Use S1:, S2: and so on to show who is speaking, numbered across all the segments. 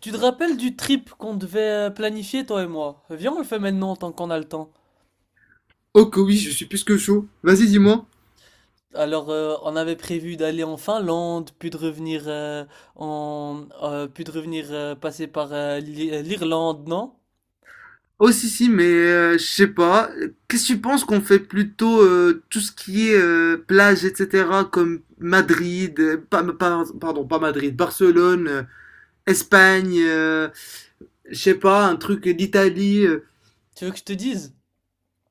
S1: Tu te rappelles du trip qu'on devait planifier, toi et moi? Viens, on le fait maintenant, tant qu'on a le temps.
S2: Oh que oui, je suis plus que chaud. Vas-y, dis-moi.
S1: Alors, on avait prévu d'aller en Finlande, puis de revenir, puis de revenir passer par l'Irlande, non?
S2: Oh, si si, mais je sais pas. Qu'est-ce que tu penses qu'on fait plutôt tout ce qui est plage etc comme Madrid, pardon, pas Madrid, Barcelone, Espagne, je sais pas, un truc d'Italie.
S1: Tu veux que je te dise?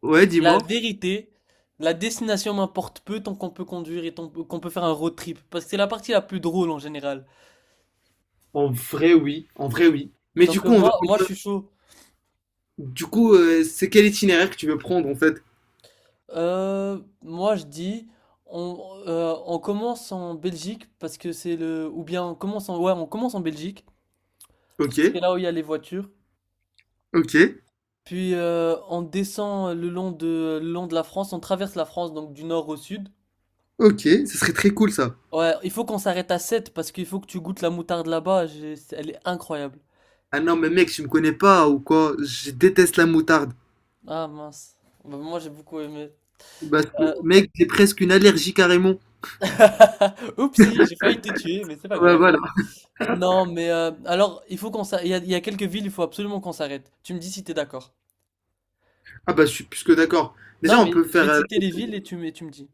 S2: Ouais,
S1: La
S2: dis-moi.
S1: vérité, la destination m'importe peu tant qu'on peut conduire et tant qu'on peut faire un road trip, parce que c'est la partie la plus drôle en général.
S2: En vrai, oui. En vrai, oui. Mais du
S1: Donc euh,
S2: coup, on va...
S1: moi, moi, je suis chaud.
S2: Du coup, c'est quel itinéraire que tu veux prendre, en fait?
S1: Moi je dis on commence en Belgique parce que c'est le ou bien on commence en ouais on commence en Belgique parce
S2: Ok.
S1: que c'est là où il y a les voitures.
S2: Ok.
S1: Puis on descend le long de la France, on traverse la France donc du nord au sud.
S2: Ok, ce serait très cool, ça.
S1: Ouais, il faut qu'on s'arrête à Sète parce qu'il faut que tu goûtes la moutarde là-bas, elle est incroyable.
S2: Ah non, mais mec, tu me connais pas ou quoi? Je déteste la moutarde.
S1: Ah mince. Bah, moi j'ai beaucoup aimé.
S2: Bah,
S1: Euh,
S2: mec, j'ai presque une allergie carrément.
S1: Oupsie, j'ai failli te tuer mais c'est pas
S2: Bah
S1: grave.
S2: voilà.
S1: Non mais alors il faut qu'on s'arrête, il y a quelques villes, il faut absolument qu'on s'arrête. Tu me dis si t'es d'accord.
S2: Ah bah, je suis plus que d'accord. Déjà,
S1: Non,
S2: on
S1: mais
S2: peut
S1: je
S2: faire.
S1: vais te citer les villes et et tu me dis.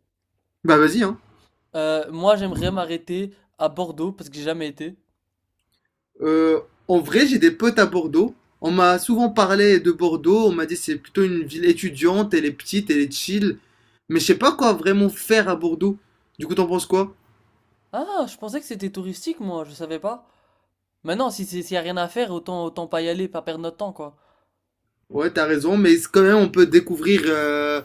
S2: Bah vas-y, hein.
S1: Moi, j'aimerais m'arrêter à Bordeaux parce que j'ai jamais été.
S2: Euh, En vrai, j'ai des potes à Bordeaux. On m'a souvent parlé de Bordeaux. On m'a dit c'est plutôt une ville étudiante, elle est petite, elle est chill. Mais je sais pas quoi vraiment faire à Bordeaux. Du coup, t'en penses quoi?
S1: Ah, je pensais que c'était touristique, moi, je savais pas. Maintenant, si c'est- s'il y a rien à faire, autant, autant pas y aller, pas perdre notre temps, quoi.
S2: Ouais, t'as raison, mais c'est quand même, on peut découvrir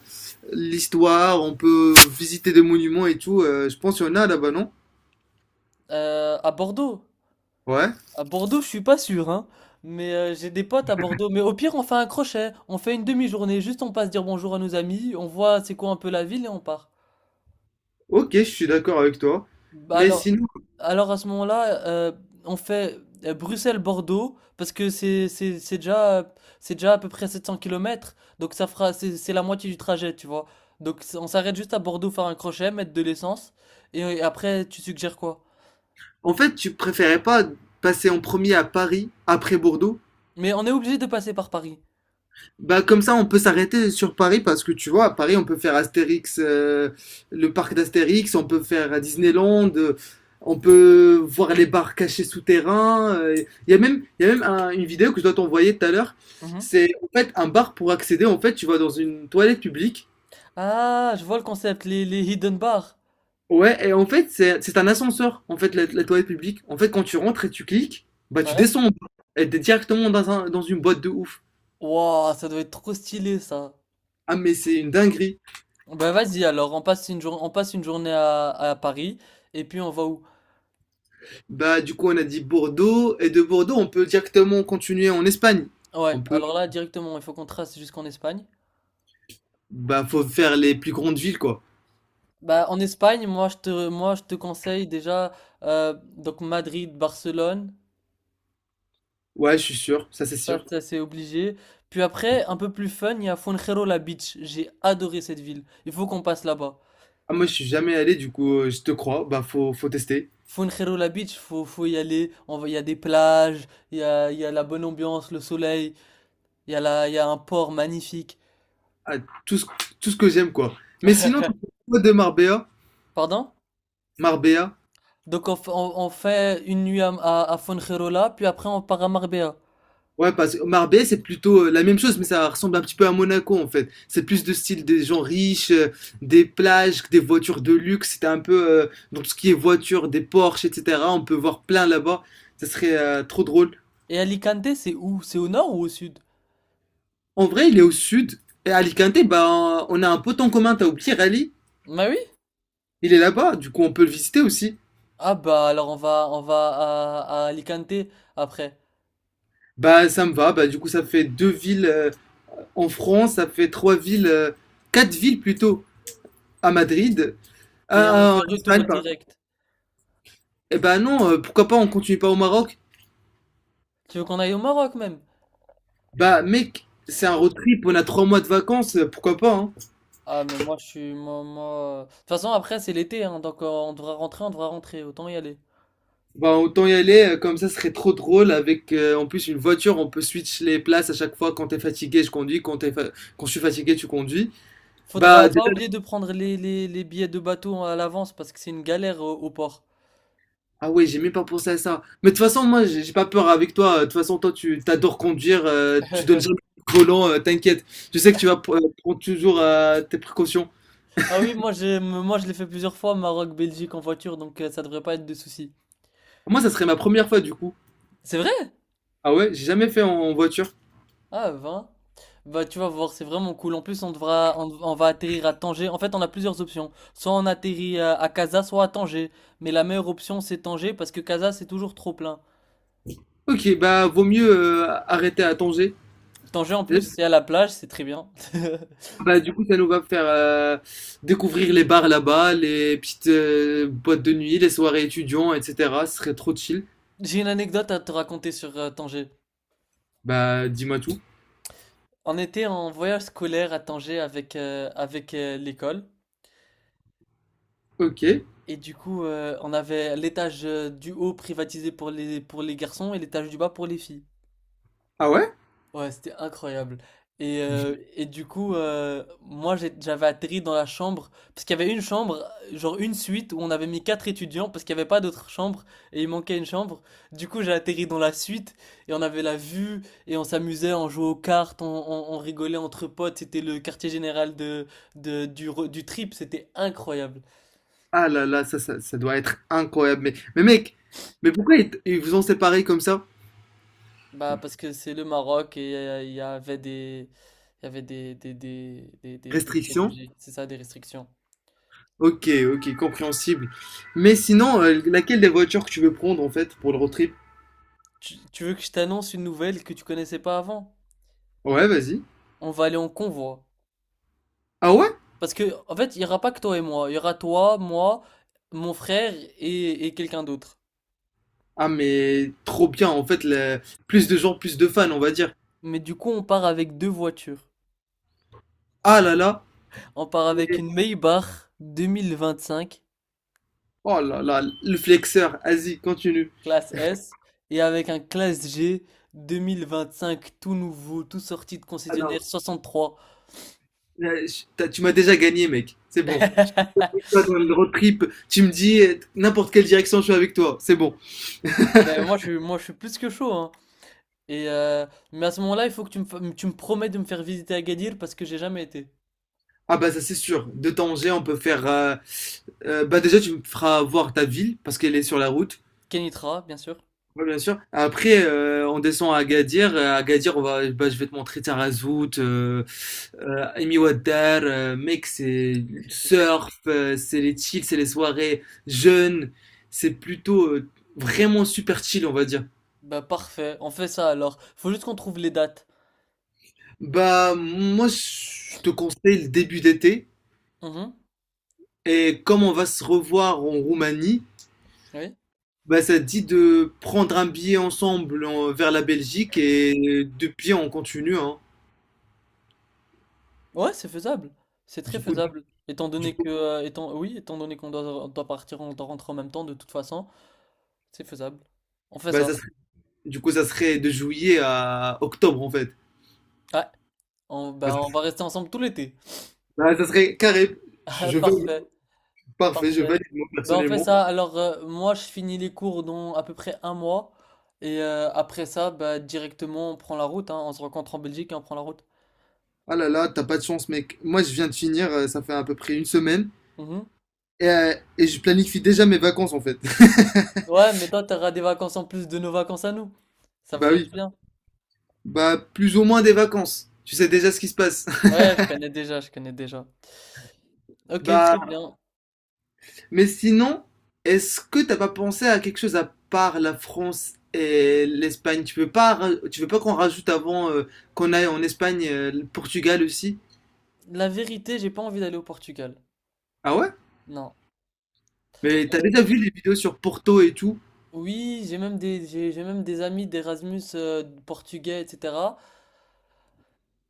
S2: l'histoire, on peut visiter des monuments et tout. Je pense qu'il y en a là-bas, non?
S1: À Bordeaux.
S2: Ouais.
S1: À Bordeaux, je suis pas sûr, hein. Mais j'ai des potes à Bordeaux. Mais au pire, on fait un crochet. On fait une demi-journée. Juste, on passe dire bonjour à nos amis. On voit c'est quoi un peu la ville et on part.
S2: Ok, je suis d'accord avec toi.
S1: Bah
S2: Mais sinon,
S1: alors à ce moment-là, on fait Bruxelles-Bordeaux parce que c'est déjà c'est déjà à peu près 700 kilomètres, donc ça fera c'est la moitié du trajet, tu vois. Donc on s'arrête juste à Bordeaux faire un crochet, mettre de l'essence et, après tu suggères quoi?
S2: en fait, tu préférais pas passer en premier à Paris, après Bordeaux?
S1: Mais on est obligé de passer par Paris.
S2: Bah comme ça, on peut s'arrêter sur Paris parce que tu vois, à Paris, on peut faire Astérix, le parc d'Astérix, on peut faire Disneyland, on peut voir les bars cachés souterrains. Il y a même, une vidéo que je dois t'envoyer tout à l'heure.
S1: Mhm.
S2: C'est en fait un bar pour accéder. En fait, tu vas dans une toilette publique.
S1: Ah, je vois le concept, les hidden bars.
S2: Ouais, et en fait, c'est un ascenseur, en fait, la toilette publique. En fait, quand tu rentres et tu cliques, bah tu
S1: Ouais.
S2: descends en bas. Et t'es directement dans dans une boîte de ouf.
S1: Waouh, ça doit être trop stylé ça.
S2: Ah, mais c'est une dinguerie.
S1: Bah vas-y alors, on passe une journée à Paris et puis on va où?
S2: Bah, du coup, on a dit Bordeaux, et de Bordeaux, on peut directement continuer en Espagne.
S1: Ouais,
S2: On peut,
S1: alors là directement, il faut qu'on trace jusqu'en Espagne.
S2: bah, faut faire les plus grandes villes, quoi.
S1: Bah en Espagne, moi je te conseille déjà donc Madrid, Barcelone,
S2: Ouais, je suis sûr, ça c'est
S1: ça,
S2: sûr.
S1: ça, c'est obligé. Puis après, un peu plus fun, il y a Fuengirola Beach. J'ai adoré cette ville. Il faut qu'on passe là-bas.
S2: Ah, moi, je suis jamais allé, du coup, je te crois, bah, faut tester.
S1: Fuengirola Beach, faut y aller. On va, il y a des plages, il y a la bonne ambiance, le soleil, il y a un port magnifique.
S2: Ah, tout ce, tout ce que j'aime, quoi. Mais sinon, tu penses quoi de Marbella?
S1: Pardon?
S2: Marbella?
S1: Donc on fait une nuit à, à Fuengirola, puis après on part à Marbella.
S2: Ouais, parce que Marbella, c'est plutôt la même chose, mais ça ressemble un petit peu à Monaco en fait. C'est plus de style des gens riches, des plages, des voitures de luxe. C'était un peu dans tout ce qui est voitures, des Porsche, etc. On peut voir plein là-bas. Ça serait trop drôle.
S1: Et Alicante, c'est où? C'est au nord ou au sud?
S2: En vrai, il est au sud. Et Alicante, bah, on a un pote en commun, t'as oublié Rally.
S1: Bah oui.
S2: Il est là-bas, du coup, on peut le visiter aussi.
S1: Ah bah alors on va à Alicante après.
S2: Bah, ça me va. Bah, du coup, ça fait deux villes en France, ça fait trois villes, quatre villes plutôt à Madrid,
S1: Et on
S2: en
S1: fait retour
S2: Espagne, pardon.
S1: direct.
S2: Eh bah non, pourquoi pas, on continue pas au Maroc?
S1: Tu veux qu'on aille au Maroc même?
S2: Bah mec, c'est un road trip, on a trois mois de vacances, pourquoi pas, hein?
S1: Ah mais moi je suis moi, moi- de toute façon après c'est l'été hein, donc on devra rentrer, autant y aller.
S2: Bah autant y aller, comme ça ce serait trop drôle avec en plus une voiture, on peut switch les places à chaque fois, quand t'es fatigué je conduis, quand je suis fatigué tu conduis. Bah
S1: Faudra pas
S2: déjà,
S1: oublier de prendre les billets de bateau à l'avance parce que c'est une galère au, au port.
S2: ah ouais, j'ai même pas pensé à ça. Mais de toute façon, moi j'ai pas peur avec toi, de toute façon toi tu t'adores conduire, tu donnes jamais le volant, t'inquiète. Je sais que tu vas prendre toujours tes précautions.
S1: Ah oui, moi je l'ai fait plusieurs fois Maroc, Belgique en voiture donc ça devrait pas être de souci.
S2: Moi ça serait ma première fois du coup.
S1: C'est vrai?
S2: Ah ouais, j'ai jamais fait en voiture.
S1: Ah, vingt. Bah, tu vas voir, c'est vraiment cool. En plus, on devra, on va atterrir à Tanger. En fait, on a plusieurs options. Soit on atterrit à Casa, soit à Tanger. Mais la meilleure option, c'est Tanger parce que Casa, c'est toujours trop plein.
S2: Ok, bah vaut mieux arrêter à Tanger.
S1: Tanger, en plus, c'est à la plage, c'est très bien.
S2: Bah, du coup, ça nous va faire découvrir les bars là-bas, les petites boîtes de nuit, les soirées étudiants, etc. Ce serait trop chill.
S1: J'ai une anecdote à te raconter sur Tanger.
S2: Bah, dis-moi tout.
S1: On était en voyage scolaire à Tanger avec, l'école.
S2: Ok.
S1: Et du coup, on avait l'étage du haut privatisé pour pour les garçons et l'étage du bas pour les filles.
S2: Ah ouais?
S1: Ouais, c'était incroyable. Et du coup, j'avais atterri dans la chambre, parce qu'il y avait une chambre, genre une suite, où on avait mis 4 étudiants, parce qu'il n'y avait pas d'autre chambre, et il manquait une chambre. Du coup, j'ai atterri dans la suite, et on avait la vue, et on s'amusait, on jouait aux cartes, on rigolait entre potes, c'était le quartier général du trip, c'était incroyable.
S2: Ah là là, ça doit être incroyable. Mais mec, mais pourquoi ils vous ont séparés comme ça?
S1: Bah, parce que c'est le Maroc, et il y avait des, il y avait des
S2: Restriction?
S1: préjugés, c'est ça, des restrictions.
S2: Ok, ok, compréhensible. Mais sinon, laquelle des voitures que tu veux prendre en fait pour le road trip?
S1: Tu veux que je t'annonce une nouvelle que tu connaissais pas avant?
S2: Ouais, vas-y.
S1: On va aller en convoi.
S2: Ah ouais?
S1: Parce que, en fait, il n'y aura pas que toi et moi. Il y aura toi, moi, mon frère et quelqu'un d'autre.
S2: Ah, mais trop bien, en fait, plus de gens, plus de fans, on va dire.
S1: Mais du coup, on part avec deux voitures.
S2: Ah là là,
S1: On part avec
S2: mais,
S1: une Maybach 2025,
S2: oh là là, le flexeur, vas-y, continue.
S1: classe S, et avec un classe G 2025, tout nouveau, tout sorti de
S2: Ah non,
S1: concessionnaire 63.
S2: tu m'as déjà gagné, mec, c'est bon. Toi, dans le road trip, tu me dis n'importe quelle direction, je suis avec toi, c'est bon.
S1: Ben, moi, je suis plus que chaud, hein. Et mais à ce moment-là, il faut que tu me promets de me faire visiter Agadir parce que j'ai jamais été.
S2: Ah bah ça, c'est sûr, de Tanger, on peut faire... bah déjà, tu me feras voir ta ville, parce qu'elle est sur la route.
S1: Kenitra, bien sûr.
S2: Ouais, bien sûr. Après, on descend à Agadir. À Agadir, on va, bah, je vais te montrer Tarazout, Amy Water, mec, c'est le surf, c'est les chills, c'est les soirées jeunes, c'est plutôt vraiment super chill, on va dire.
S1: Bah parfait, on fait ça alors. Faut juste qu'on trouve les dates.
S2: Bah, moi, je te conseille le début d'été,
S1: Mhm.
S2: et comme on va se revoir en Roumanie,
S1: Oui.
S2: bah, ça te dit de prendre un billet ensemble vers la Belgique, et de pied, on continue, hein.
S1: Ouais, c'est faisable. C'est très
S2: Du coup,
S1: faisable. Étant
S2: du
S1: donné
S2: coup,
S1: que, étant, oui, étant donné qu'on doit, on doit partir, on doit rentrer en même temps, de toute façon, c'est faisable. On fait
S2: bah,
S1: ça.
S2: du coup, ça serait de juillet à octobre, en fait.
S1: Ouais. On,
S2: Bah,
S1: bah, on
S2: ça
S1: va rester ensemble tout l'été.
S2: bah, ça serait carré,
S1: Ah,
S2: je vais
S1: parfait,
S2: parfait, je
S1: parfait.
S2: valide moi
S1: Ben on fait
S2: personnellement.
S1: ça. Alors, moi, je finis les cours dans à peu près un mois. Et après ça, bah, directement, on prend la route. Hein. On se rencontre en Belgique et on prend la route.
S2: Ah là là, t'as pas de chance, mec. Moi, je viens de finir, ça fait à peu près une semaine,
S1: Mhm.
S2: et je planifie déjà mes vacances en fait.
S1: Ouais, mais toi, t'auras des vacances en plus de nos vacances à nous. Ça va
S2: Bah
S1: faire du
S2: oui,
S1: bien.
S2: bah plus ou moins des vacances. Tu sais déjà ce qui se passe.
S1: Ouais, je connais déjà, je connais déjà. Ok, très
S2: Bah,
S1: bien.
S2: mais sinon, est-ce que t'as pas pensé à quelque chose à part la France et l'Espagne? Tu veux pas qu'on rajoute avant qu'on aille en Espagne, le Portugal aussi?
S1: La vérité, j'ai pas envie d'aller au Portugal.
S2: Ah ouais?
S1: Non.
S2: Mais t'as
S1: Euh,
S2: déjà vu les vidéos sur Porto et tout?
S1: oui, j'ai même des amis d'Erasmus portugais, etc.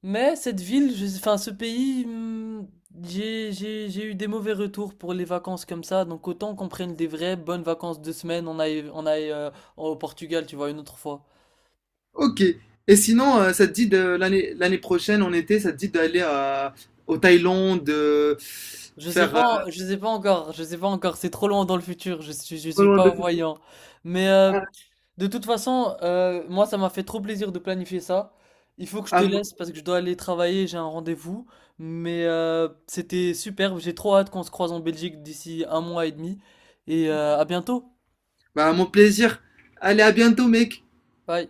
S1: Mais cette ville, je, enfin ce pays, j'ai eu des mauvais retours pour les vacances comme ça. Donc autant qu'on prenne des vraies bonnes vacances de semaine, on aille au Portugal, tu vois, une autre fois.
S2: Ok. Et sinon, ça te dit de l'année prochaine, en été, ça te dit d'aller à au Thaïlande, de faire.
S1: Je sais pas encore, je sais pas encore, c'est trop loin dans le futur, je
S2: Pas
S1: suis
S2: loin
S1: pas
S2: de...
S1: voyant. Mais
S2: Ah,
S1: de toute façon, moi ça m'a fait trop plaisir de planifier ça. Il faut que je te
S2: à mon
S1: laisse parce que je dois aller travailler, j'ai un rendez-vous. Mais c'était superbe, j'ai trop hâte qu'on se croise en Belgique d'ici 1 mois et demi. Et à bientôt,
S2: bah, à mon plaisir. Allez, à bientôt, mec.
S1: bye.